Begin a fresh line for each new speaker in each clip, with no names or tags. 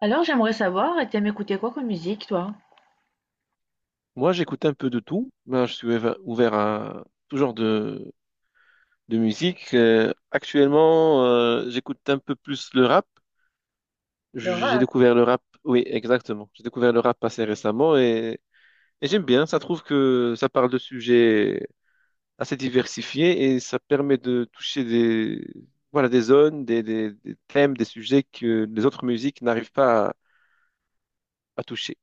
Alors, j'aimerais savoir, et t'aimes écouter quoi comme musique, toi?
Moi, j'écoute un peu de tout. Moi, je suis ouvert à tout genre de musique. Actuellement, j'écoute un peu plus le rap.
Le
J'ai
rap,
découvert le rap, oui, exactement. J'ai découvert le rap assez récemment et j'aime bien. Ça trouve que ça parle de sujets assez diversifiés et ça permet de toucher voilà, des zones, des thèmes, des sujets que les autres musiques n'arrivent pas à toucher.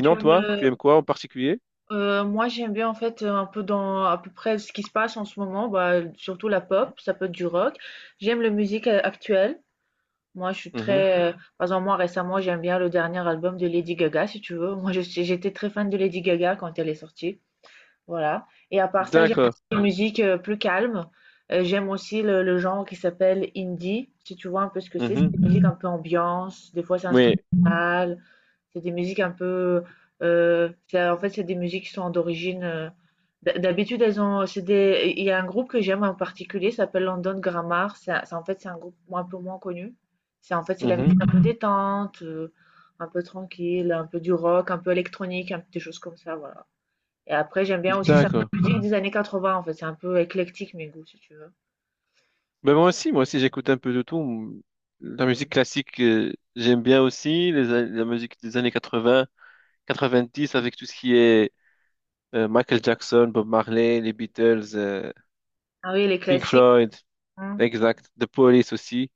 tu aimes
toi, tu
le...
aimes quoi en particulier?
moi j'aime bien en fait un peu dans à peu près ce qui se passe en ce moment, bah, surtout la pop, ça peut être du rock. J'aime la musique actuelle. Moi je suis
Mhm.
très. Par exemple moi récemment j'aime bien le dernier album de Lady Gaga si tu veux. J'étais très fan de Lady Gaga quand elle est sortie. Voilà. Et à part ça j'aime
D'accord.
aussi les musiques plus calmes. J'aime aussi le genre qui s'appelle indie, si tu vois un peu ce que c'est. C'est
Mhm.
une musique un peu ambiance, des fois c'est
Oui.
instrumental. C'est des musiques un peu, c'est en fait, c'est des musiques qui sont d'origine, d'habitude elles ont c'est des il y a un groupe que j'aime en particulier, ça s'appelle London Grammar. C'est en fait, c'est un groupe un peu moins connu. C'est en fait, c'est la
Mhm.
musique un peu détente, un peu tranquille, un peu du rock, un peu électronique, un peu des choses comme ça, voilà. Et après j'aime bien aussi certaines
D'accord.
musiques des années 80 en fait, c'est un peu éclectique mes goûts si tu veux.
Ben moi aussi, j'écoute un peu de tout. La musique classique, j'aime bien aussi. La musique des années quatre-vingts, quatre-vingt-dix, avec tout ce qui est Michael Jackson, Bob Marley, les Beatles,
Ah oui, les
Pink
classiques.
Floyd,
Mmh.
exact, The Police aussi.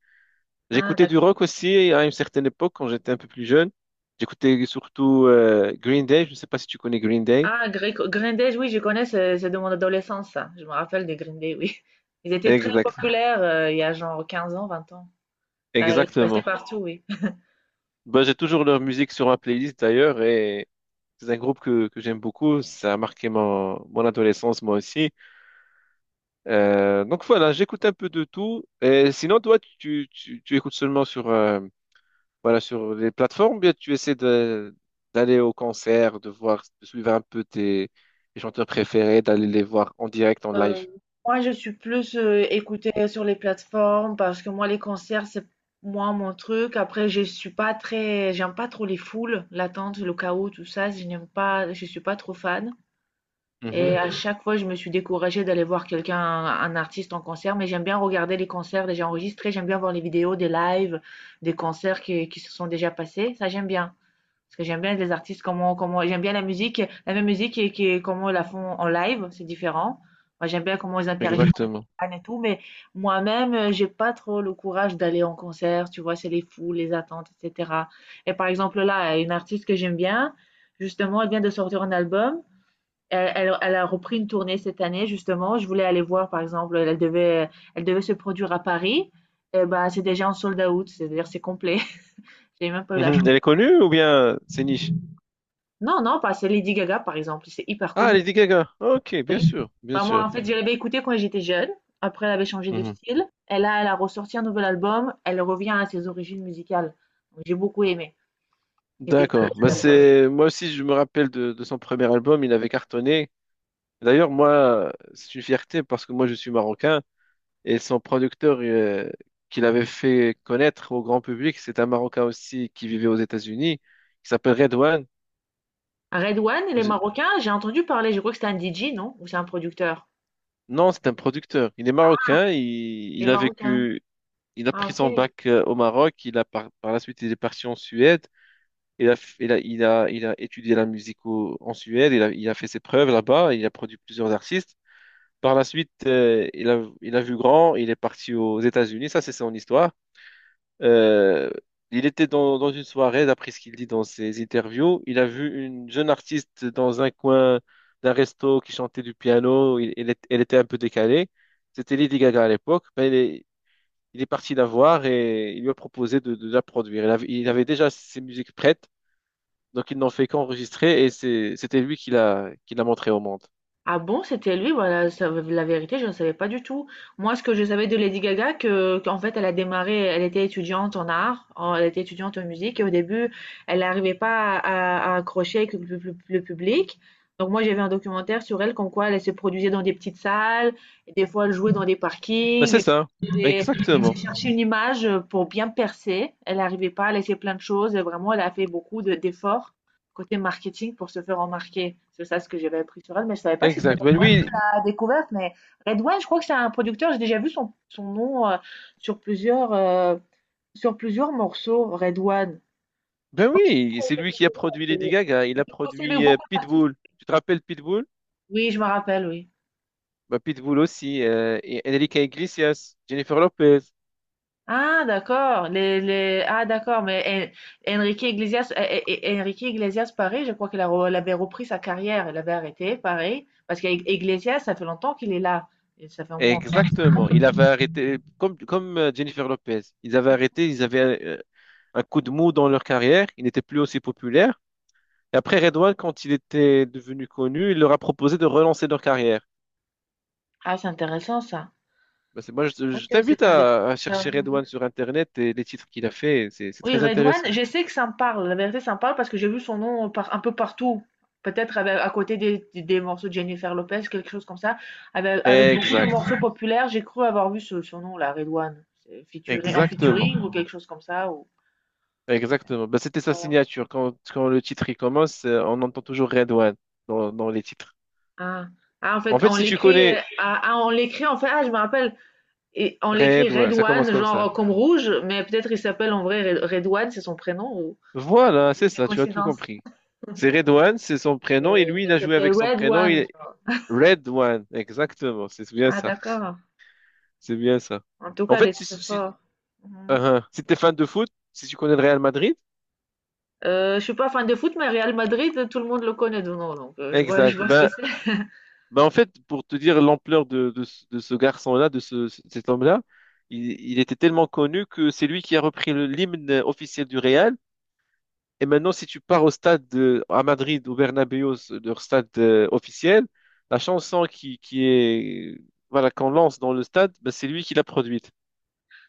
Ah
J'écoutais du
d'accord.
rock aussi à une certaine époque, quand j'étais un peu plus jeune. J'écoutais surtout Green Day. Je ne sais pas si tu connais Green Day.
Ah, Green Day, oui, je connais, c'est de mon adolescence, ça. Je me rappelle des Green Day, oui. Ils étaient très
Exact,
populaires il y a genre 15 ans, 20 ans. Ça passait
exactement.
partout, oui.
Bah, j'ai toujours leur musique sur ma playlist d'ailleurs et c'est un groupe que j'aime beaucoup. Ça a marqué mon adolescence moi aussi. Donc voilà, j'écoute un peu de tout. Et sinon, toi, tu écoutes seulement sur, voilà, sur les plateformes, ou bien tu essaies d'aller au concert, de voir, de suivre un peu tes, tes chanteurs préférés, d'aller les voir en direct, en
Euh,
live.
Moi, je suis plus écoutée sur les plateformes parce que moi, les concerts, c'est moins mon truc. Après, je suis pas très, j'aime pas trop les foules, l'attente, le chaos, tout ça. Je n'aime pas, je suis pas trop fan.
Mhm,
Et à chaque fois, je me suis découragée d'aller voir quelqu'un, un artiste en concert, mais j'aime bien regarder les concerts déjà enregistrés, j'aime bien voir les vidéos des lives, des concerts qui se sont déjà passés, ça j'aime bien. Parce que j'aime bien les artistes, comment, j'aime bien la musique, la même musique et, qui, comment ils la font en live, c'est différent. Moi, j'aime bien comment ils interagissent avec
exactement.
les fans et tout, mais moi-même, j'ai pas trop le courage d'aller en concert, tu vois, c'est les foules, les attentes, etc. Et par exemple, là, une artiste que j'aime bien, justement, elle vient de sortir un album. Elle a repris une tournée cette année, justement. Je voulais aller voir, par exemple, elle devait se produire à Paris. Eh ben, c'est déjà en sold out, c'est-à-dire c'est complet. J'ai même pas eu la
Mhm.
chance.
Elle est connue ou bien c'est niche?
Non, non, pas, c'est Lady Gaga, par exemple. C'est hyper
Ah,
connu.
Lady Gaga. Ok, bien
Oui.
sûr, bien
Bah, moi,
sûr.
en fait, je l'avais écoutée quand j'étais jeune. Après, elle avait changé de style. Et là, elle a ressorti un nouvel album. Elle revient à ses origines musicales. Donc, j'ai beaucoup aimé. J'étais fan de
D'accord.
cet
Bah
album.
c'est moi aussi je me rappelle de son premier album, il avait cartonné. D'ailleurs moi c'est une fierté parce que moi je suis marocain et son producteur qu'il avait fait connaître au grand public, c'est un Marocain aussi qui vivait aux États-Unis, qui s'appelle Redouane.
À Red One, les
Je-
Marocains, j'ai entendu parler, je crois que c'était un DJ, non? Ou c'est un producteur?
Non, c'est un producteur. Il est marocain,
Les
il a
Marocains.
vécu, il a
Ah,
pris
ok.
son bac au Maroc, il a par, par la suite il est parti en Suède. Il a, f- il a, il a, il a étudié la musique en Suède, il a fait ses preuves là-bas, il a produit plusieurs artistes. Par la suite, il a vu grand, il est parti aux États-Unis, ça c'est son histoire. Euh, il était dans une soirée, d'après ce qu'il dit dans ses interviews, il a vu une jeune artiste dans un coin d'un resto qui chantait du piano, il, elle était un peu décalée, c'était Lady Gaga à l'époque. Ben, il est parti la voir et il lui a proposé de la produire. Il avait déjà ses musiques prêtes, donc ils n'ont fait qu'enregistrer et c'était lui qui l'a montré au monde.
Ah bon, c'était lui? Voilà, la vérité, je ne savais pas du tout. Moi, ce que je savais de Lady Gaga, que, qu'en fait, elle a démarré, elle était étudiante en art, elle était étudiante en musique, et au début, elle n'arrivait pas à, à accrocher avec le public. Donc moi, j'avais un documentaire sur elle, comme quoi elle se produisait dans des petites salles, et des fois, elle jouait dans des
Ben, c'est
parkings.
ça,
Et elle s'est
exactement,
cherchée une image pour bien percer. Elle n'arrivait pas, elle a essayé plein de choses, et vraiment, elle a fait beaucoup d'efforts côté marketing pour se faire remarquer. C'est ça ce que j'avais appris sur elle, mais je ne savais pas que c'était
exact. Ben
Red One qui
lui,
l'a découverte. Mais Red One, je crois que c'est un producteur. J'ai déjà vu son nom sur, plusieurs, euh, sur plusieurs morceaux. Red One. Je
ben
crois que c'est
oui, c'est lui qui a produit Lady Gaga. Il a
le
produit
beaucoup d'artistes.
Pitbull. Tu te rappelles Pitbull?
Oui, je me rappelle, oui.
Ben, Pitbull aussi et Enrique Iglesias, Jennifer Lopez.
Ah, d'accord. Les, les. Ah, d'accord. Mais Enrique Iglesias, Enrique Iglesias, pareil, je crois qu'il a re- elle avait repris sa carrière. Elle avait arrêté, pareil. Parce qu'Iglesias, ça fait longtemps qu'il est là. Et ça fait au moins 25 ans.
Exactement. Il avait arrêté, comme, comme Jennifer Lopez, ils avaient arrêté, ils avaient un coup de mou dans leur carrière, ils n'étaient plus aussi populaires. Et après, Redouane, quand il était devenu connu, il leur a proposé de relancer leur carrière.
Ah, c'est intéressant ça.
Bah, c'est, moi,
Ok,
je
c'est
t'invite
un des
à
producteurs.
chercher Redouane sur Internet et les titres qu'il a fait, c'est
Oui,
très
Redouane,
intéressant.
je sais que ça me parle. La vérité, ça me parle parce que j'ai vu son nom un peu partout. Peut-être à côté des, des morceaux de Jennifer Lopez, quelque chose comme ça. Avec beaucoup de
Exact.
morceaux populaires, j'ai cru avoir vu ce, son nom là, Redouane. C'est en
Exactement.
featuring ou quelque chose comme ça. Ou,
Exactement. Bah, c'était sa
voilà.
signature. Quand le titre il commence, on entend toujours Redouane dans les titres.
Ah. Ah, en fait,
En fait,
on
si tu
l'écrit,
connais
ah, ah, on l'écrit, en fait, ah, je me rappelle, et on l'écrit
Redouane, ça commence
Redouane,
comme ça.
genre comme rouge, mais peut-être il s'appelle en vrai Redouane, c'est son prénom, ou
Voilà,
c'est
c'est
une
ça, tu as tout
coïncidence.
compris. C'est Redouane, c'est son prénom, et
Heu,
lui,
mais
il a joué
c'était
avec son
Red
prénom, il
One,
est
genre.
Redouane, exactement, c'est bien
Ah
ça,
d'accord.
c'est bien ça.
En tout
En
cas, il
fait,
est très
si,
fort. Mmh.
si t'es fan de foot, si tu connais le Real Madrid,
Je suis pas fan de foot, mais Real Madrid, tout le monde le connaît de nom, donc je vois je
exact,
vois ce que
ben,
c'est.
ben en fait, pour te dire l'ampleur ce de ce garçon-là, cet homme-là, il était tellement connu que c'est lui qui a repris l'hymne officiel du Real. Et maintenant, si tu pars au stade de, à Madrid, au Bernabéu, leur stade officiel, la chanson qui est, voilà, qu'on lance dans le stade, ben, c'est lui qui l'a produite.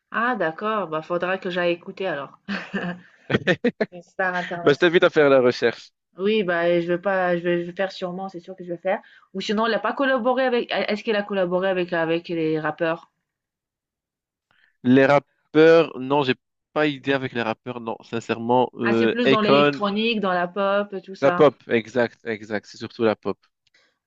Ah d'accord, bah, faudra que j'aille écouter alors. Une star
Ben, je t'invite
internationale.
à faire la recherche.
Oui, bah, je vais pas je vais faire sûrement, c'est sûr que je vais faire ou sinon elle a pas collaboré avec est-ce qu'elle a collaboré avec les rappeurs?
Les rappeurs, non, j'ai pas idée avec les rappeurs, non, sincèrement.
Ah, c'est plus dans
Akon,
l'électronique, dans la pop, tout
la
ça.
pop, exact, exact, c'est surtout la pop.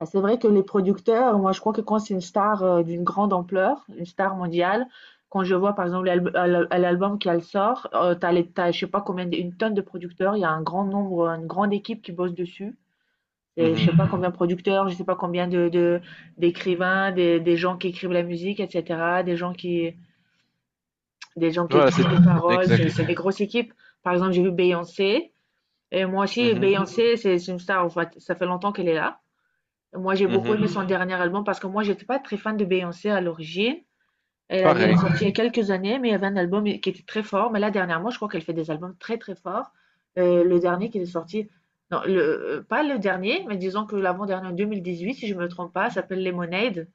Bah, c'est vrai que les producteurs, moi je crois que quand c'est une star d'une grande ampleur, une star mondiale, quand je vois par exemple l'album qu'elle sort, t'as les, t'as, je sais pas combien, une tonne de producteurs, il y a un grand nombre, une grande équipe qui bosse dessus. Et je
Mhm.
sais pas combien de producteurs, je sais pas combien de, d'écrivains, des gens qui écrivent la musique, etc., des gens qui
Voilà,
écrivent
c'est
les paroles, c'est,
exact.
c'est des grosses équipes. Par exemple, j'ai vu Beyoncé, et moi aussi,
Mhm,
Beyoncé, c'est une star, en fait, ça fait longtemps qu'elle est là. Moi, j'ai beaucoup
mhm.
aimé son dernier album parce que moi, j'étais pas très fan de Beyoncé à l'origine. Elle avait
Pareil.
sorti il y a quelques années, mais il y avait un album qui était très fort. Mais là, dernièrement, je crois qu'elle fait des albums très, très forts. Le dernier qui est sorti, non, pas le dernier, mais disons que l'avant-dernier en 2018, si je me trompe pas, s'appelle Lemonade.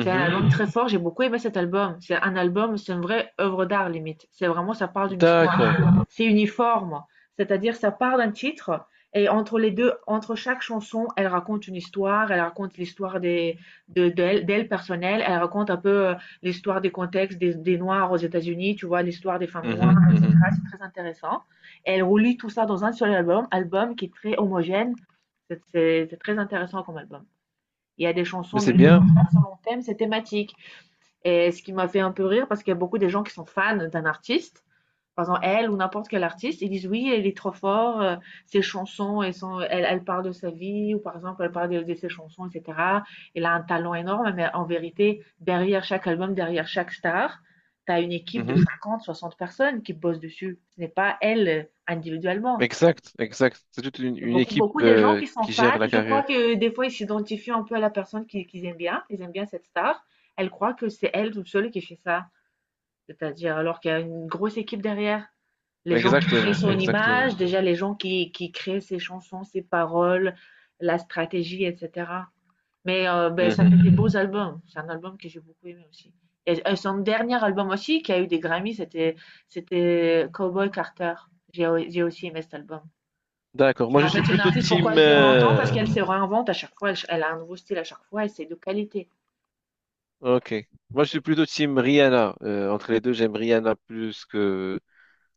C'est un album très fort, j'ai beaucoup aimé cet album. C'est un album, c'est une vraie œuvre d'art limite. C'est vraiment, ça parle d'une
D'accord.
histoire. C'est uniforme, c'est-à-dire ça part d'un titre et entre les deux, entre chaque chanson, elle raconte une histoire. Elle raconte l'histoire des de d'elle personnelle. Elle raconte un peu l'histoire des contextes des noirs aux États-Unis. Tu vois l'histoire des femmes noires,
Mhm, mhm.
etc. C'est très intéressant. Et elle relie tout ça dans un seul album, album qui est très homogène. C'est très intéressant comme album. Il y a des chansons
Mais
au
c'est
milieu comme
bien.
ça selon thème, c'est thématique. Et ce qui m'a fait un peu rire, parce qu'il y a beaucoup de gens qui sont fans d'un artiste, par exemple elle ou n'importe quel artiste, ils disent oui, elle est trop forte, ses chansons, elles sont, elle parle de sa vie, ou par exemple, elle parle de ses chansons, etc. Elle a un talent énorme, mais en vérité, derrière chaque album, derrière chaque star, tu as une équipe de
Mhm.
50, 60 personnes qui bossent dessus. Ce n'est pas elle individuellement.
Exact, exact. C'est toute une
Beaucoup,
équipe
beaucoup de gens qui sont
qui
fans,
gère la
je crois
carrière.
que des fois, ils s'identifient un peu à la personne qu'ils aiment bien, ils aiment bien cette star. Elle croit que c'est elle toute seule qui fait ça. C'est-à-dire, alors qu'il y a une grosse équipe derrière, les gens qui créent
Exactement,
son
exactement.
image, déjà les gens qui créent ses chansons, ses paroles, la stratégie, etc. Mais ben, ça
Mhm.
fait des beaux albums. C'est un album que j'ai beaucoup aimé aussi. Et son dernier album aussi, qui a eu des Grammys, c'était Cowboy Carter. J'ai aussi aimé cet album.
D'accord. Moi, je
En
suis
fait, c'est une
plutôt
artiste, pourquoi
team.
elle dure longtemps? Parce qu'elle se réinvente à chaque fois, elle a un nouveau style à chaque fois, et c'est de qualité.
Ok. Moi, je suis plutôt team Rihanna. Entre les deux, j'aime Rihanna plus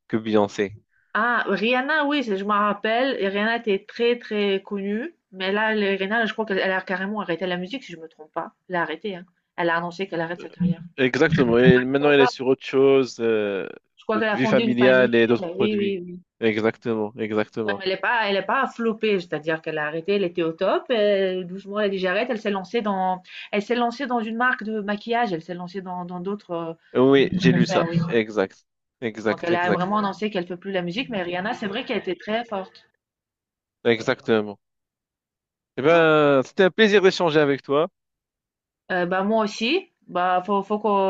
que Beyoncé.
Ah, Rihanna, oui, je m'en rappelle. Et Rihanna était très très connue, mais là, Rihanna, je crois qu'elle elle a carrément arrêté la musique, si je me trompe pas. Elle a arrêté, hein. Elle a annoncé qu'elle arrête sa carrière.
Exactement. Et maintenant, elle est sur autre chose,
Je crois qu'elle a
vie
fondé une
familiale et
famille.
d'autres
Oui,
produits.
oui, oui.
Exactement,
Ouais,
exactement.
mais elle n'est pas, elle est pas flopée, c'est-à-dire qu'elle a arrêté, elle était au top. Et doucement, elle a dit j'arrête. Elle s'est lancée dans, elle s'est lancée dans une marque de maquillage. Elle s'est lancée dans d'autres
Oui, j'ai lu
affaires,
ça.
oui.
Exact,
Donc
exact,
elle a
exact,
vraiment annoncé qu'elle fait plus la musique, mais Rihanna, c'est vrai qu'elle était très forte.
exactement. Eh
Oh,
ben, c'était un plaisir d'échanger avec toi.
Bah moi aussi. Bah faut qu'on